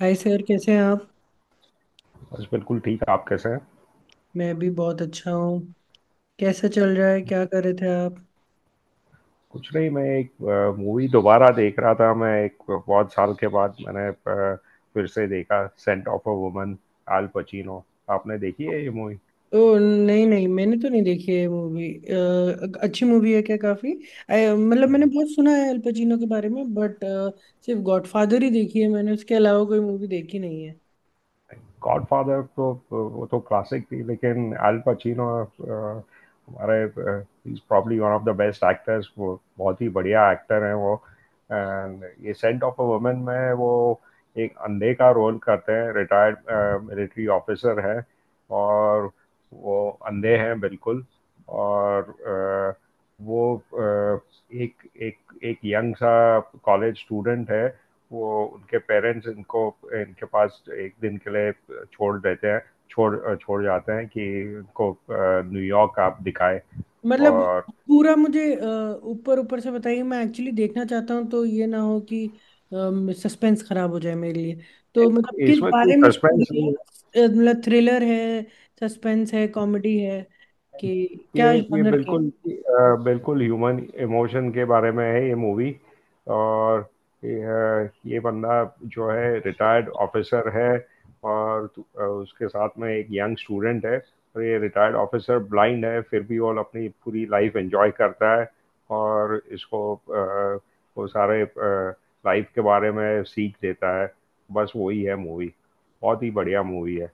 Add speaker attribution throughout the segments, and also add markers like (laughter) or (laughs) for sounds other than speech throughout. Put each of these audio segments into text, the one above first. Speaker 1: हाय sir, कैसे हैं आप?
Speaker 2: बस बिल्कुल ठीक। आप कैसे हैं?
Speaker 1: मैं भी बहुत अच्छा हूँ। कैसा चल रहा है, क्या कर रहे थे आप?
Speaker 2: कुछ नहीं, मैं एक मूवी दोबारा देख रहा था। मैं एक बहुत साल के बाद मैंने फिर से देखा, scent of a woman, Al Pacino. आपने देखी है ये मूवी?
Speaker 1: ओ नहीं नहीं, मैंने तो नहीं देखी है मूवी। अच्छी मूवी है क्या? काफी मतलब मैंने बहुत सुना है अल पचिनो के बारे में बट सिर्फ गॉडफादर ही देखी है मैंने, उसके अलावा कोई मूवी देखी नहीं।
Speaker 2: गॉडफादर तो वो तो क्लासिक थी, लेकिन अल पचिनो हमारे is probably one of the best actors. वो बहुत ही बढ़िया एक्टर हैं वो। एंड ये सेंट ऑफ अ वुमन में वो एक अंधे का रोल करते हैं, रिटायर्ड मिलिट्री ऑफिसर है और वो अंधे हैं बिल्कुल। और वो एक एक एक यंग सा कॉलेज स्टूडेंट है। वो, उनके पेरेंट्स इनको, इनके पास एक दिन के लिए छोड़ देते हैं, छोड़ छोड़ जाते हैं कि उनको न्यूयॉर्क आप दिखाए।
Speaker 1: मतलब
Speaker 2: और,
Speaker 1: पूरा मुझे ऊपर ऊपर से बताइए, मैं एक्चुअली देखना चाहता हूँ तो ये ना हो कि सस्पेंस खराब हो जाए मेरे लिए। तो मतलब किस
Speaker 2: इसमें कोई
Speaker 1: बारे में
Speaker 2: सस्पेंस
Speaker 1: स्टोरी है?
Speaker 2: नहीं।
Speaker 1: मतलब थ्रिलर है? सस्पेंस है? कॉमेडी है? कि क्या
Speaker 2: ये
Speaker 1: जॉनर है?
Speaker 2: बिल्कुल बिल्कुल ह्यूमन इमोशन के बारे में है ये मूवी। और ये बंदा जो है रिटायर्ड ऑफिसर है, और उसके साथ में एक यंग स्टूडेंट है। और ये रिटायर्ड ऑफिसर ब्लाइंड है, फिर भी वो अपनी पूरी लाइफ एंजॉय करता है, और इसको वो सारे लाइफ के बारे में सीख देता है। बस वही है मूवी। बहुत ही बढ़िया मूवी है।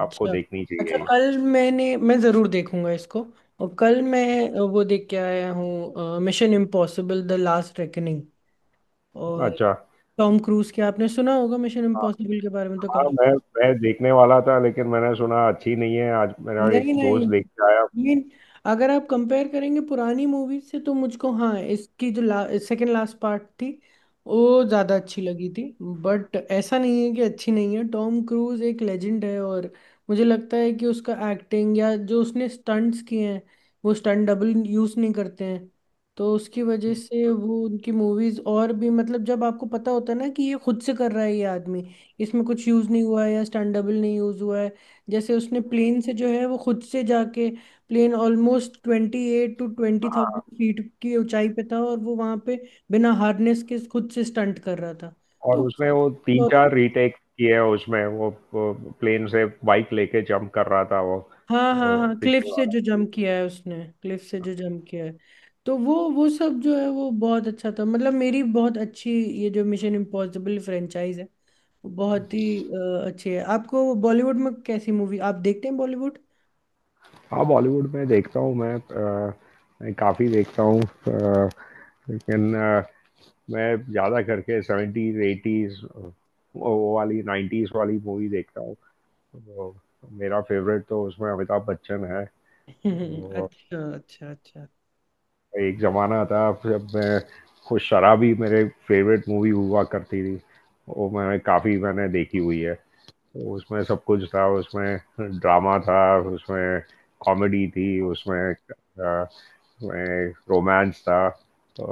Speaker 2: आपको देखनी
Speaker 1: अच्छा,
Speaker 2: चाहिए ये।
Speaker 1: कल मैं ज़रूर देखूंगा इसको। और कल मैं वो देख के आया हूँ Mission Impossible the Last Reckoning. और
Speaker 2: अच्छा।
Speaker 1: टॉम क्रूज के, आपने सुना होगा मिशन इम्पॉसिबल के बारे में तो।
Speaker 2: हाँ, मैं देखने वाला था, लेकिन मैंने सुना अच्छी नहीं है। आज मेरा एक
Speaker 1: नहीं नहीं।
Speaker 2: दोस्त देख के आया।
Speaker 1: मीन, अगर आप कंपेयर करेंगे पुरानी मूवीज से तो मुझको, हाँ, इसकी जो सेकंड लास्ट पार्ट थी वो ज़्यादा अच्छी लगी थी। बट ऐसा नहीं है कि अच्छी नहीं है, टॉम क्रूज एक लेजेंड है, और मुझे लगता है कि उसका एक्टिंग या जो उसने स्टंट्स किए हैं, वो स्टंट डबल यूज़ नहीं करते हैं। तो उसकी वजह से वो उनकी मूवीज़ और भी, मतलब जब आपको पता होता है ना कि ये खुद से कर रहा है ये आदमी, इसमें कुछ यूज़ नहीं हुआ है या स्टंट डबल नहीं यूज़ हुआ है। जैसे उसने प्लेन से जो है वो खुद से जाके, प्लेन ऑलमोस्ट 28 to 20,000 फीट की ऊंचाई पे था, और वो वहां पे बिना हार्नेस के खुद से स्टंट कर रहा था।
Speaker 2: और
Speaker 1: तो
Speaker 2: उसने
Speaker 1: उसे
Speaker 2: वो तीन
Speaker 1: बहुत।
Speaker 2: चार रीटेक किए हैं उसमें, वो प्लेन से बाइक लेके जंप कर रहा था
Speaker 1: हाँ हाँ
Speaker 2: वो
Speaker 1: हाँ, क्लिफ
Speaker 2: पिछले
Speaker 1: से
Speaker 2: वाला।
Speaker 1: जो जंप किया है उसने, क्लिफ से जो जंप किया है। तो वो सब जो है वो बहुत अच्छा था, मतलब मेरी बहुत अच्छी। ये जो मिशन इम्पॉसिबल फ्रेंचाइज है वो बहुत ही अच्छी है। आपको बॉलीवुड में कैसी मूवी आप देखते हैं, बॉलीवुड?
Speaker 2: हाँ, बॉलीवुड में देखता हूँ मैं। मैं काफ़ी देखता हूँ, लेकिन मैं ज़्यादा करके सेवेंटीज एटीज वो वाली नाइन्टीज वाली मूवी देखता हूँ। तो मेरा फेवरेट तो उसमें अमिताभ बच्चन है।
Speaker 1: (laughs)
Speaker 2: तो
Speaker 1: अच्छा अच्छा अच्छा।
Speaker 2: एक जमाना था जब मैं, खुद शराबी मेरे फेवरेट मूवी हुआ करती थी। वो मैंने काफी मैंने देखी हुई है। उसमें सब कुछ था। उसमें ड्रामा था, उसमें कॉमेडी थी, उसमें रोमांस था। तो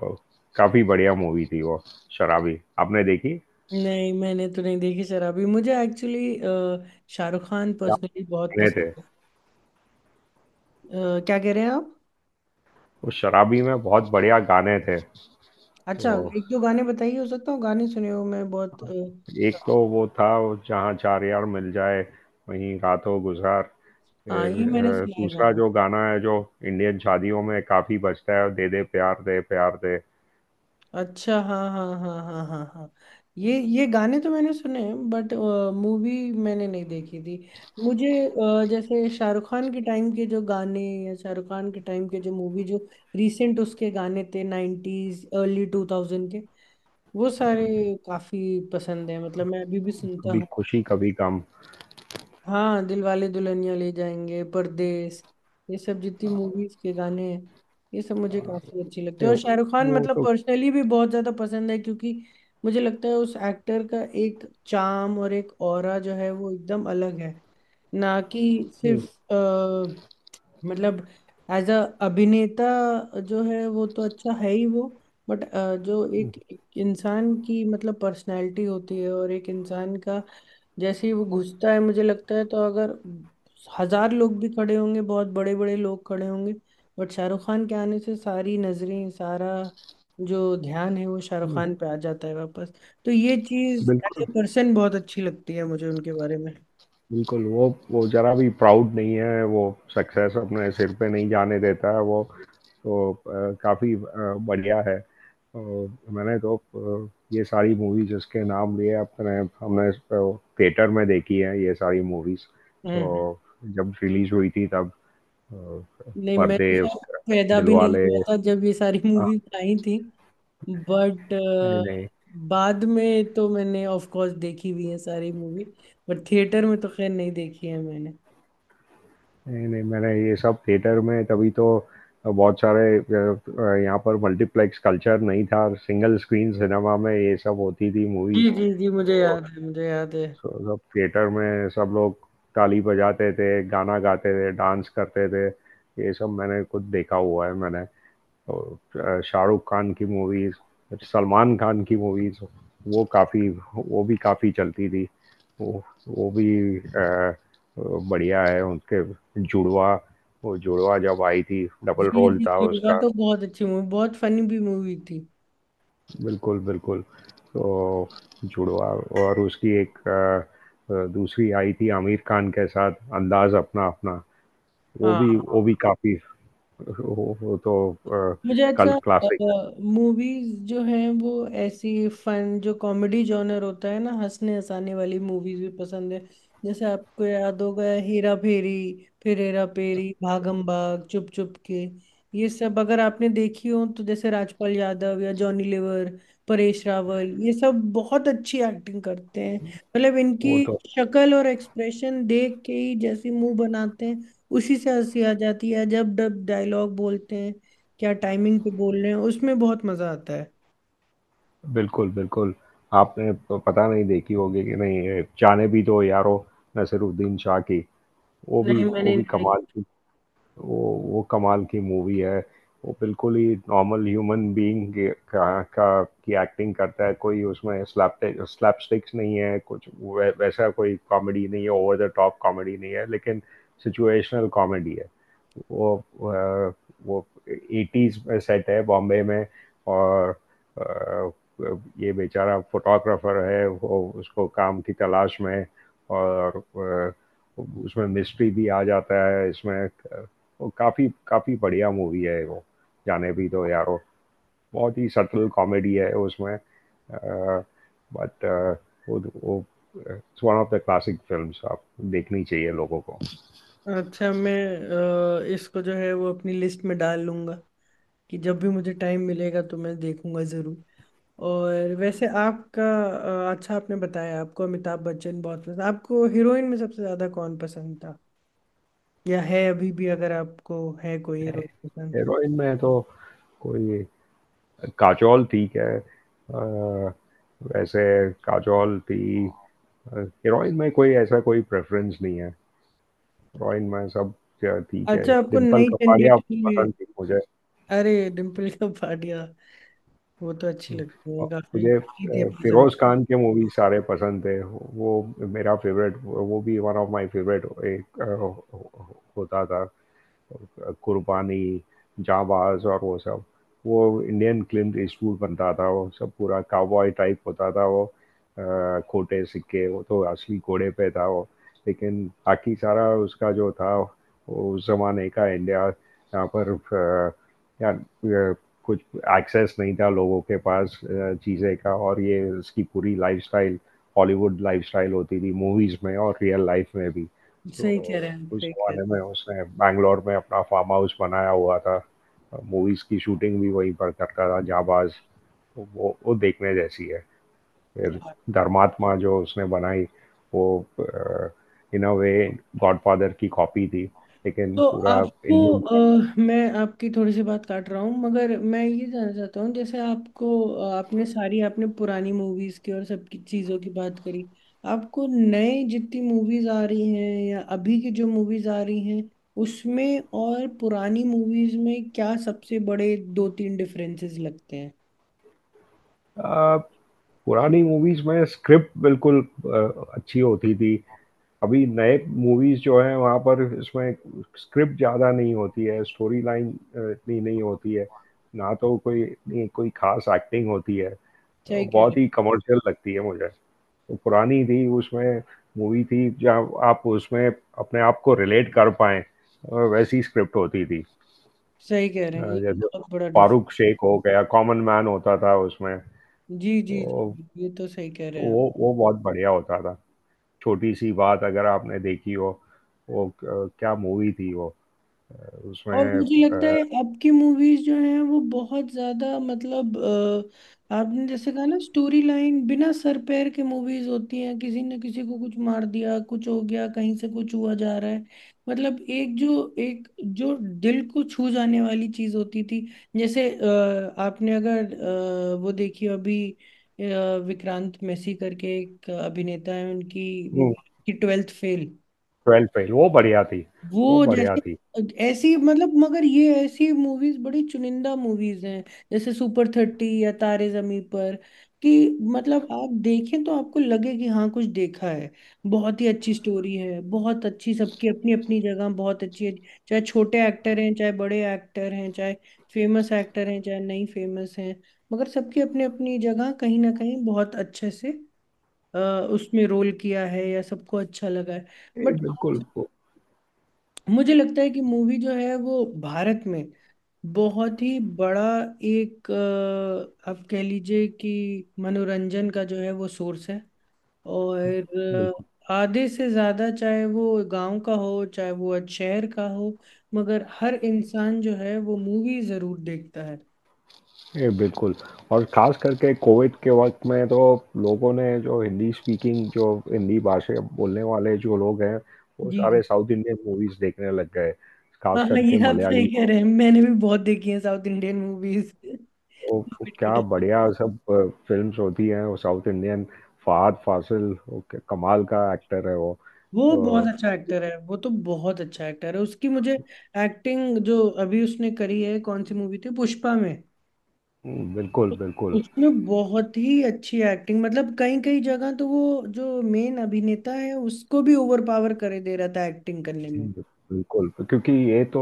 Speaker 2: काफी बढ़िया मूवी थी वो। शराबी आपने देखी?
Speaker 1: नहीं मैंने तो नहीं देखी शराबी, मुझे एक्चुअली शाहरुख खान
Speaker 2: क्या
Speaker 1: पर्सनली बहुत
Speaker 2: गाने थे
Speaker 1: पसंद है। क्या कह रहे हैं आप?
Speaker 2: उस शराबी में! बहुत बढ़िया गाने थे।
Speaker 1: अच्छा।
Speaker 2: तो
Speaker 1: एक दो गाने बताइए, हो सकता हूँ गाने सुने हो, मैं बहुत।
Speaker 2: एक तो वो था, जहाँ चार यार मिल जाए, वहीं रातों गुजार।
Speaker 1: हाँ,
Speaker 2: फिर
Speaker 1: ये मैंने सुना है
Speaker 2: दूसरा
Speaker 1: गाना।
Speaker 2: जो गाना है, जो इंडियन शादियों में काफी बजता है, दे दे प्यार दे, प्यार दे।
Speaker 1: अच्छा, हाँ हाँ हाँ हाँ हाँ हाँ। ये गाने तो मैंने सुने हैं, बट मूवी मैंने नहीं देखी थी। मुझे जैसे शाहरुख खान के टाइम के जो गाने, या शाहरुख खान के टाइम के जो मूवी जो रिसेंट, उसके गाने थे नाइन्टीज अर्ली 2000 के, वो सारे काफी पसंद है, मतलब मैं अभी भी सुनता
Speaker 2: कभी
Speaker 1: हूँ।
Speaker 2: खुशी कभी गम।
Speaker 1: हाँ, दिलवाले दुल्हनिया ले जाएंगे, परदेश, ये सब जितनी मूवीज के गाने हैं ये सब मुझे
Speaker 2: अ,
Speaker 1: काफी अच्छी लगती है, और
Speaker 2: वो
Speaker 1: शाहरुख खान
Speaker 2: वो
Speaker 1: मतलब
Speaker 2: तो,
Speaker 1: पर्सनली भी बहुत ज्यादा पसंद है क्योंकि मुझे लगता है उस एक्टर का एक चार्म और एक ऑरा जो है वो एकदम अलग है, ना कि
Speaker 2: हम्म,
Speaker 1: सिर्फ मतलब एज अ अभिनेता जो है वो तो अच्छा है ही वो। बट जो एक एक इंसान की मतलब पर्सनालिटी होती है और एक इंसान का, जैसे ही वो घुसता है मुझे लगता है, तो अगर हजार लोग भी खड़े होंगे, बहुत बड़े बड़े लोग खड़े होंगे, बट शाहरुख खान के आने से सारी नजरें, सारा जो ध्यान है वो शाहरुख
Speaker 2: हम्म,
Speaker 1: खान पे आ जाता है वापस। तो ये चीज एज
Speaker 2: बिल्कुल,
Speaker 1: ए पर्सन बहुत अच्छी लगती है मुझे उनके बारे में।
Speaker 2: बिल्कुल। वो जरा भी प्राउड नहीं है वो, सक्सेस अपने सिर पे नहीं जाने देता है वो। तो काफी बढ़िया है। मैंने तो ये सारी मूवीज जिसके नाम लिए अपने, हमने थिएटर में देखी है ये सारी मूवीज।
Speaker 1: हम्म।
Speaker 2: तो जब रिलीज हुई थी तब, अ,
Speaker 1: नहीं, मैं
Speaker 2: पर्दे
Speaker 1: तो
Speaker 2: उसका,
Speaker 1: पैदा भी नहीं
Speaker 2: दिलवाले,
Speaker 1: हुआ था जब ये सारी
Speaker 2: अ,
Speaker 1: मूवीज आई थी। बट
Speaker 2: नहीं।
Speaker 1: बाद में तो मैंने ऑफ कोर्स देखी हुई है सारी मूवी, बट थिएटर में तो खैर नहीं देखी है मैंने।
Speaker 2: नहीं, नहीं, मैंने ये सब थिएटर में, तभी तो। बहुत सारे, यहाँ पर मल्टीप्लेक्स कल्चर नहीं था, सिंगल स्क्रीन सिनेमा में ये सब होती थी
Speaker 1: जी
Speaker 2: मूवीज।
Speaker 1: जी जी, मुझे
Speaker 2: और,
Speaker 1: याद है, मुझे याद है।
Speaker 2: तो सब थिएटर में सब लोग ताली बजाते थे, गाना गाते थे, डांस करते थे। ये सब मैंने खुद देखा हुआ है मैंने। और शाहरुख खान की मूवीज, सलमान खान की मूवीज, वो काफ़ी, वो भी काफ़ी चलती थी। वो भी आ, बढ़िया है उनके। जुड़वा, वो जुड़वा जब आई थी डबल
Speaker 1: जी
Speaker 2: रोल
Speaker 1: जी,
Speaker 2: था
Speaker 1: दुर्गा
Speaker 2: उसका।
Speaker 1: तो बहुत अच्छी मूवी, बहुत फनी भी मूवी थी।
Speaker 2: बिल्कुल, बिल्कुल। तो जुड़वा, और उसकी एक दूसरी आई थी आमिर खान के साथ, अंदाज अपना अपना। वो भी
Speaker 1: हाँ।
Speaker 2: वो भी काफ़ी, वो तो
Speaker 1: मुझे
Speaker 2: कल
Speaker 1: अच्छा
Speaker 2: क्लासिक।
Speaker 1: मूवीज जो हैं वो, ऐसी फन जो कॉमेडी जॉनर होता है ना, हंसने हंसाने वाली मूवीज भी पसंद है। जैसे आपको याद होगा हेरा फेरी, फिर हेरा फेरी, भागम भाग, चुप चुप के, ये सब अगर आपने देखी हो तो, जैसे राजपाल यादव या जॉनी लीवर, परेश रावल, ये सब बहुत अच्छी एक्टिंग करते हैं। मतलब
Speaker 2: वो
Speaker 1: इनकी
Speaker 2: तो
Speaker 1: शक्ल और एक्सप्रेशन देख के ही, जैसी मुंह बनाते हैं उसी से हंसी आ जाती है, जब डब डायलॉग बोलते हैं, क्या टाइमिंग पे बोल रहे हैं, उसमें बहुत मजा आता है।
Speaker 2: बिल्कुल, बिल्कुल। आपने प पता नहीं देखी होगी कि नहीं, ये जाने भी दो यारो, नसीरुद्दीन शाह की, वो भी
Speaker 1: नहीं
Speaker 2: वो
Speaker 1: मैंने
Speaker 2: भी
Speaker 1: नहीं
Speaker 2: कमाल
Speaker 1: देखी।
Speaker 2: की, वो वो कमाल की मूवी है वो। बिल्कुल ही नॉर्मल ह्यूमन बीइंग का की एक्टिंग करता है। कोई उसमें स्लैपस्टिक्स नहीं है, कुछ वैसा कोई कॉमेडी नहीं है, ओवर द टॉप कॉमेडी नहीं है, लेकिन सिचुएशनल कॉमेडी है। वो अ, वो एटीज में सेट है, बॉम्बे में। और अ, ये बेचारा फोटोग्राफर है, वो उसको काम की तलाश में। और अ, उसमें मिस्ट्री भी आ जाता है इसमें। वो काफ़ी काफ़ी बढ़िया मूवी है वो, जाने भी दो यारो। बहुत ही सटल कॉमेडी है उसमें। बट वो वो it's one of the classic films. आप देखनी चाहिए लोगों को।
Speaker 1: अच्छा, मैं इसको जो है वो अपनी लिस्ट में डाल लूंगा कि जब भी मुझे टाइम मिलेगा तो मैं देखूंगा जरूर। और वैसे आपका, अच्छा, आपने बताया आपको अमिताभ बच्चन बहुत पसंद, आपको हीरोइन में सबसे ज्यादा कौन पसंद था या है अभी भी, अगर आपको है कोई हीरोइन पसंद?
Speaker 2: हीरोइन में तो कोई, काजोल ठीक है, वैसे काजोल थी। हीरोइन में कोई ऐसा कोई प्रेफरेंस नहीं है, हीरोइन में सब ठीक है।
Speaker 1: अच्छा, आपको
Speaker 2: डिम्पल
Speaker 1: नई
Speaker 2: कपाड़िया
Speaker 1: जनरेशन में।
Speaker 2: पसंद थी मुझे।
Speaker 1: अरे, डिम्पल कपाड़िया, वो तो अच्छी लगती है, काफी
Speaker 2: मुझे
Speaker 1: थी अपने
Speaker 2: फिरोज
Speaker 1: जमाने।
Speaker 2: खान के मूवी सारे पसंद थे वो, मेरा फेवरेट, वो भी वन ऑफ माय फेवरेट। एक होता था कुर्बानी, जाबाज और वो सब। वो इंडियन क्लिंट ईस्टवुड बनता था, वो सब पूरा काउबॉय टाइप होता था वो, खोटे सिक्के, वो तो असली घोड़े पे था वो। लेकिन बाकी सारा उसका जो था वो उस जमाने का इंडिया यहाँ पर, या अ, कुछ एक्सेस नहीं था लोगों के पास चीज़ें का, और ये इसकी पूरी लाइफस्टाइल हॉलीवुड लाइफस्टाइल होती थी मूवीज़ में और रियल लाइफ में भी
Speaker 1: सही कह
Speaker 2: तो।
Speaker 1: रहे हैं,
Speaker 2: उस
Speaker 1: सही कह रहे
Speaker 2: जमाने में उसने बैंगलोर में अपना फार्म हाउस बनाया हुआ था, मूवीज की शूटिंग भी वहीं पर करता था जाबाज। तो वो देखने जैसी है। फिर
Speaker 1: हैं।
Speaker 2: धर्मात्मा जो उसने बनाई, वो इन अ वे गॉडफादर की कॉपी थी, लेकिन
Speaker 1: तो
Speaker 2: पूरा
Speaker 1: आपको
Speaker 2: इंडियन।
Speaker 1: मैं आपकी थोड़ी सी बात काट रहा हूँ, मगर मैं ये जानना चाहता हूँ, जैसे आपको आपने सारी, आपने पुरानी मूवीज की और सबकी चीज़ों की बात करी, आपको नए जितनी मूवीज आ रही हैं या अभी की जो मूवीज आ रही हैं, उसमें और पुरानी मूवीज में क्या सबसे बड़े दो तीन डिफरेंसेस लगते हैं?
Speaker 2: पुरानी मूवीज में स्क्रिप्ट बिल्कुल अच्छी होती थी। अभी नए मूवीज जो है वहाँ पर इसमें स्क्रिप्ट ज़्यादा नहीं होती है, स्टोरी लाइन इतनी नहीं होती है, ना तो कोई इतनी कोई खास एक्टिंग होती है।
Speaker 1: सही कह रहे
Speaker 2: बहुत
Speaker 1: हैं।
Speaker 2: ही कमर्शियल लगती है मुझे। तो पुरानी थी उसमें, मूवी थी जहाँ आप उसमें अपने आप को रिलेट कर पाए, वैसी स्क्रिप्ट होती थी।
Speaker 1: सही कह रहे हैं, ये
Speaker 2: जैसे
Speaker 1: बहुत बड़ा डिफरेंस।
Speaker 2: फारूक शेख हो गया, कॉमन मैन होता था उसमें।
Speaker 1: जी जी जी
Speaker 2: तो
Speaker 1: जी, ये तो सही कह रहे हैं आप।
Speaker 2: वो बहुत बढ़िया होता था। छोटी सी बात अगर आपने देखी हो, वो क्या मूवी थी वो,
Speaker 1: और
Speaker 2: उसमें,
Speaker 1: मुझे लगता है अब की मूवीज जो हैं वो बहुत ज्यादा, मतलब आपने जैसे कहा ना, स्टोरी लाइन बिना सर पैर के मूवीज होती हैं, किसी ने किसी को कुछ मार दिया, कुछ हो गया, कहीं से कुछ हुआ जा रहा है। मतलब एक जो दिल को छू जाने वाली चीज होती थी। जैसे आपने अगर वो देखी हो अभी, विक्रांत मैसी करके एक अभिनेता है, उनकी मूवी की 12th फेल।
Speaker 2: ट्वेल्थ फेल, वो बढ़िया थी, वो
Speaker 1: वो
Speaker 2: बढ़िया
Speaker 1: जैसे
Speaker 2: थी।
Speaker 1: ऐसी, मतलब मगर ये ऐसी मूवीज बड़ी चुनिंदा मूवीज हैं, जैसे सुपर थर्टी या तारे जमी पर, कि मतलब आप देखें तो आपको लगे कि हाँ कुछ देखा है। बहुत ही अच्छी स्टोरी है, बहुत अच्छी, सबकी अपनी अपनी जगह बहुत अच्छी है, चाहे छोटे एक्टर हैं चाहे बड़े एक्टर हैं, चाहे फेमस एक्टर हैं चाहे नहीं फेमस हैं, मगर सबकी अपनी अपनी जगह कहीं ना कहीं बहुत अच्छे से अ, उसमें रोल किया है, या सबको अच्छा लगा है।
Speaker 2: ये
Speaker 1: बट
Speaker 2: बिल्कुल,
Speaker 1: मुझे लगता है कि मूवी जो है वो भारत में बहुत ही बड़ा एक आप कह लीजिए कि मनोरंजन का जो है वो सोर्स है। और
Speaker 2: बिल्कुल।
Speaker 1: आधे से ज़्यादा, चाहे वो गांव का हो चाहे वो आज शहर का हो, मगर हर इंसान जो है वो मूवी ज़रूर देखता है।
Speaker 2: ये बिल्कुल। और खास करके कोविड के वक्त में तो लोगों ने, जो हिंदी स्पीकिंग, जो हिंदी भाषा बोलने वाले जो लोग हैं, वो
Speaker 1: जी
Speaker 2: सारे
Speaker 1: जी।
Speaker 2: साउथ इंडियन मूवीज देखने लग गए,
Speaker 1: हाँ
Speaker 2: खास
Speaker 1: हाँ, ये
Speaker 2: करके
Speaker 1: आप सही
Speaker 2: मलयाली।
Speaker 1: कह रहे हैं, मैंने भी बहुत देखी है साउथ इंडियन मूवीज
Speaker 2: वो
Speaker 1: कोविड के।
Speaker 2: क्या बढ़िया सब फिल्म्स होती हैं वो साउथ इंडियन। फहद फासिल, वो क्या कमाल का एक्टर है वो।
Speaker 1: वो बहुत
Speaker 2: अ,
Speaker 1: अच्छा एक्टर है, वो तो बहुत अच्छा एक्टर है, उसकी मुझे एक्टिंग जो अभी उसने करी है, कौन सी मूवी थी, पुष्पा में।
Speaker 2: बिल्कुल,
Speaker 1: उस-
Speaker 2: बिल्कुल।
Speaker 1: उसमें बहुत ही अच्छी एक्टिंग, मतलब कई कई जगह तो वो जो मेन अभिनेता है उसको भी ओवर पावर करे दे रहा था एक्टिंग करने में।
Speaker 2: हिंदी, बिल्कुल, क्योंकि ये तो,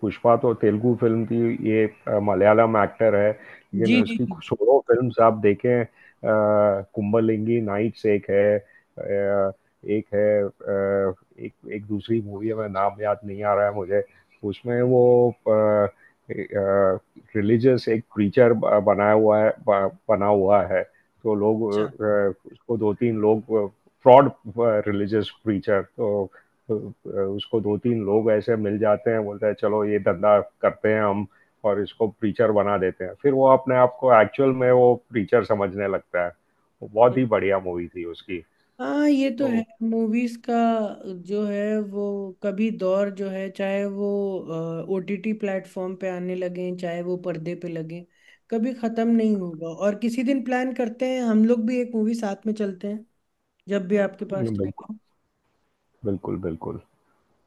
Speaker 2: पुष्पा तो तेलुगु फिल्म थी, ये मलयालम एक्टर है, लेकिन
Speaker 1: जी जी
Speaker 2: उसकी
Speaker 1: जी।
Speaker 2: सोलो फिल्म्स आप देखें। कुंबलिंगी नाइट्स एक है, एक है, एक, एक दूसरी मूवी है, मैं नाम याद नहीं आ रहा है मुझे। उसमें वो रिलीजियस एक प्रीचर बनाया हुआ है, बना हुआ है। तो लोग,
Speaker 1: अच्छा।
Speaker 2: उसको दो तीन लोग फ्रॉड रिलीजियस प्रीचर, तो उसको दो तीन लोग ऐसे मिल जाते हैं, बोलते हैं चलो ये धंधा करते हैं हम, और इसको प्रीचर बना देते हैं। फिर वो अपने आप को एक्चुअल में वो प्रीचर समझने लगता है। बहुत ही बढ़िया मूवी थी उसकी।
Speaker 1: हाँ, ये तो है।
Speaker 2: तो
Speaker 1: मूवीज का जो है वो, कभी दौर जो है, चाहे वो ओटीटी प्लेटफॉर्म पे आने लगे चाहे वो पर्दे पे लगे, कभी खत्म नहीं होगा, और किसी दिन प्लान करते हैं, हम लोग भी एक मूवी साथ में चलते हैं जब भी आपके पास
Speaker 2: बिल्कुल,
Speaker 1: टाइम।
Speaker 2: बिल्कुल, बिल्कुल।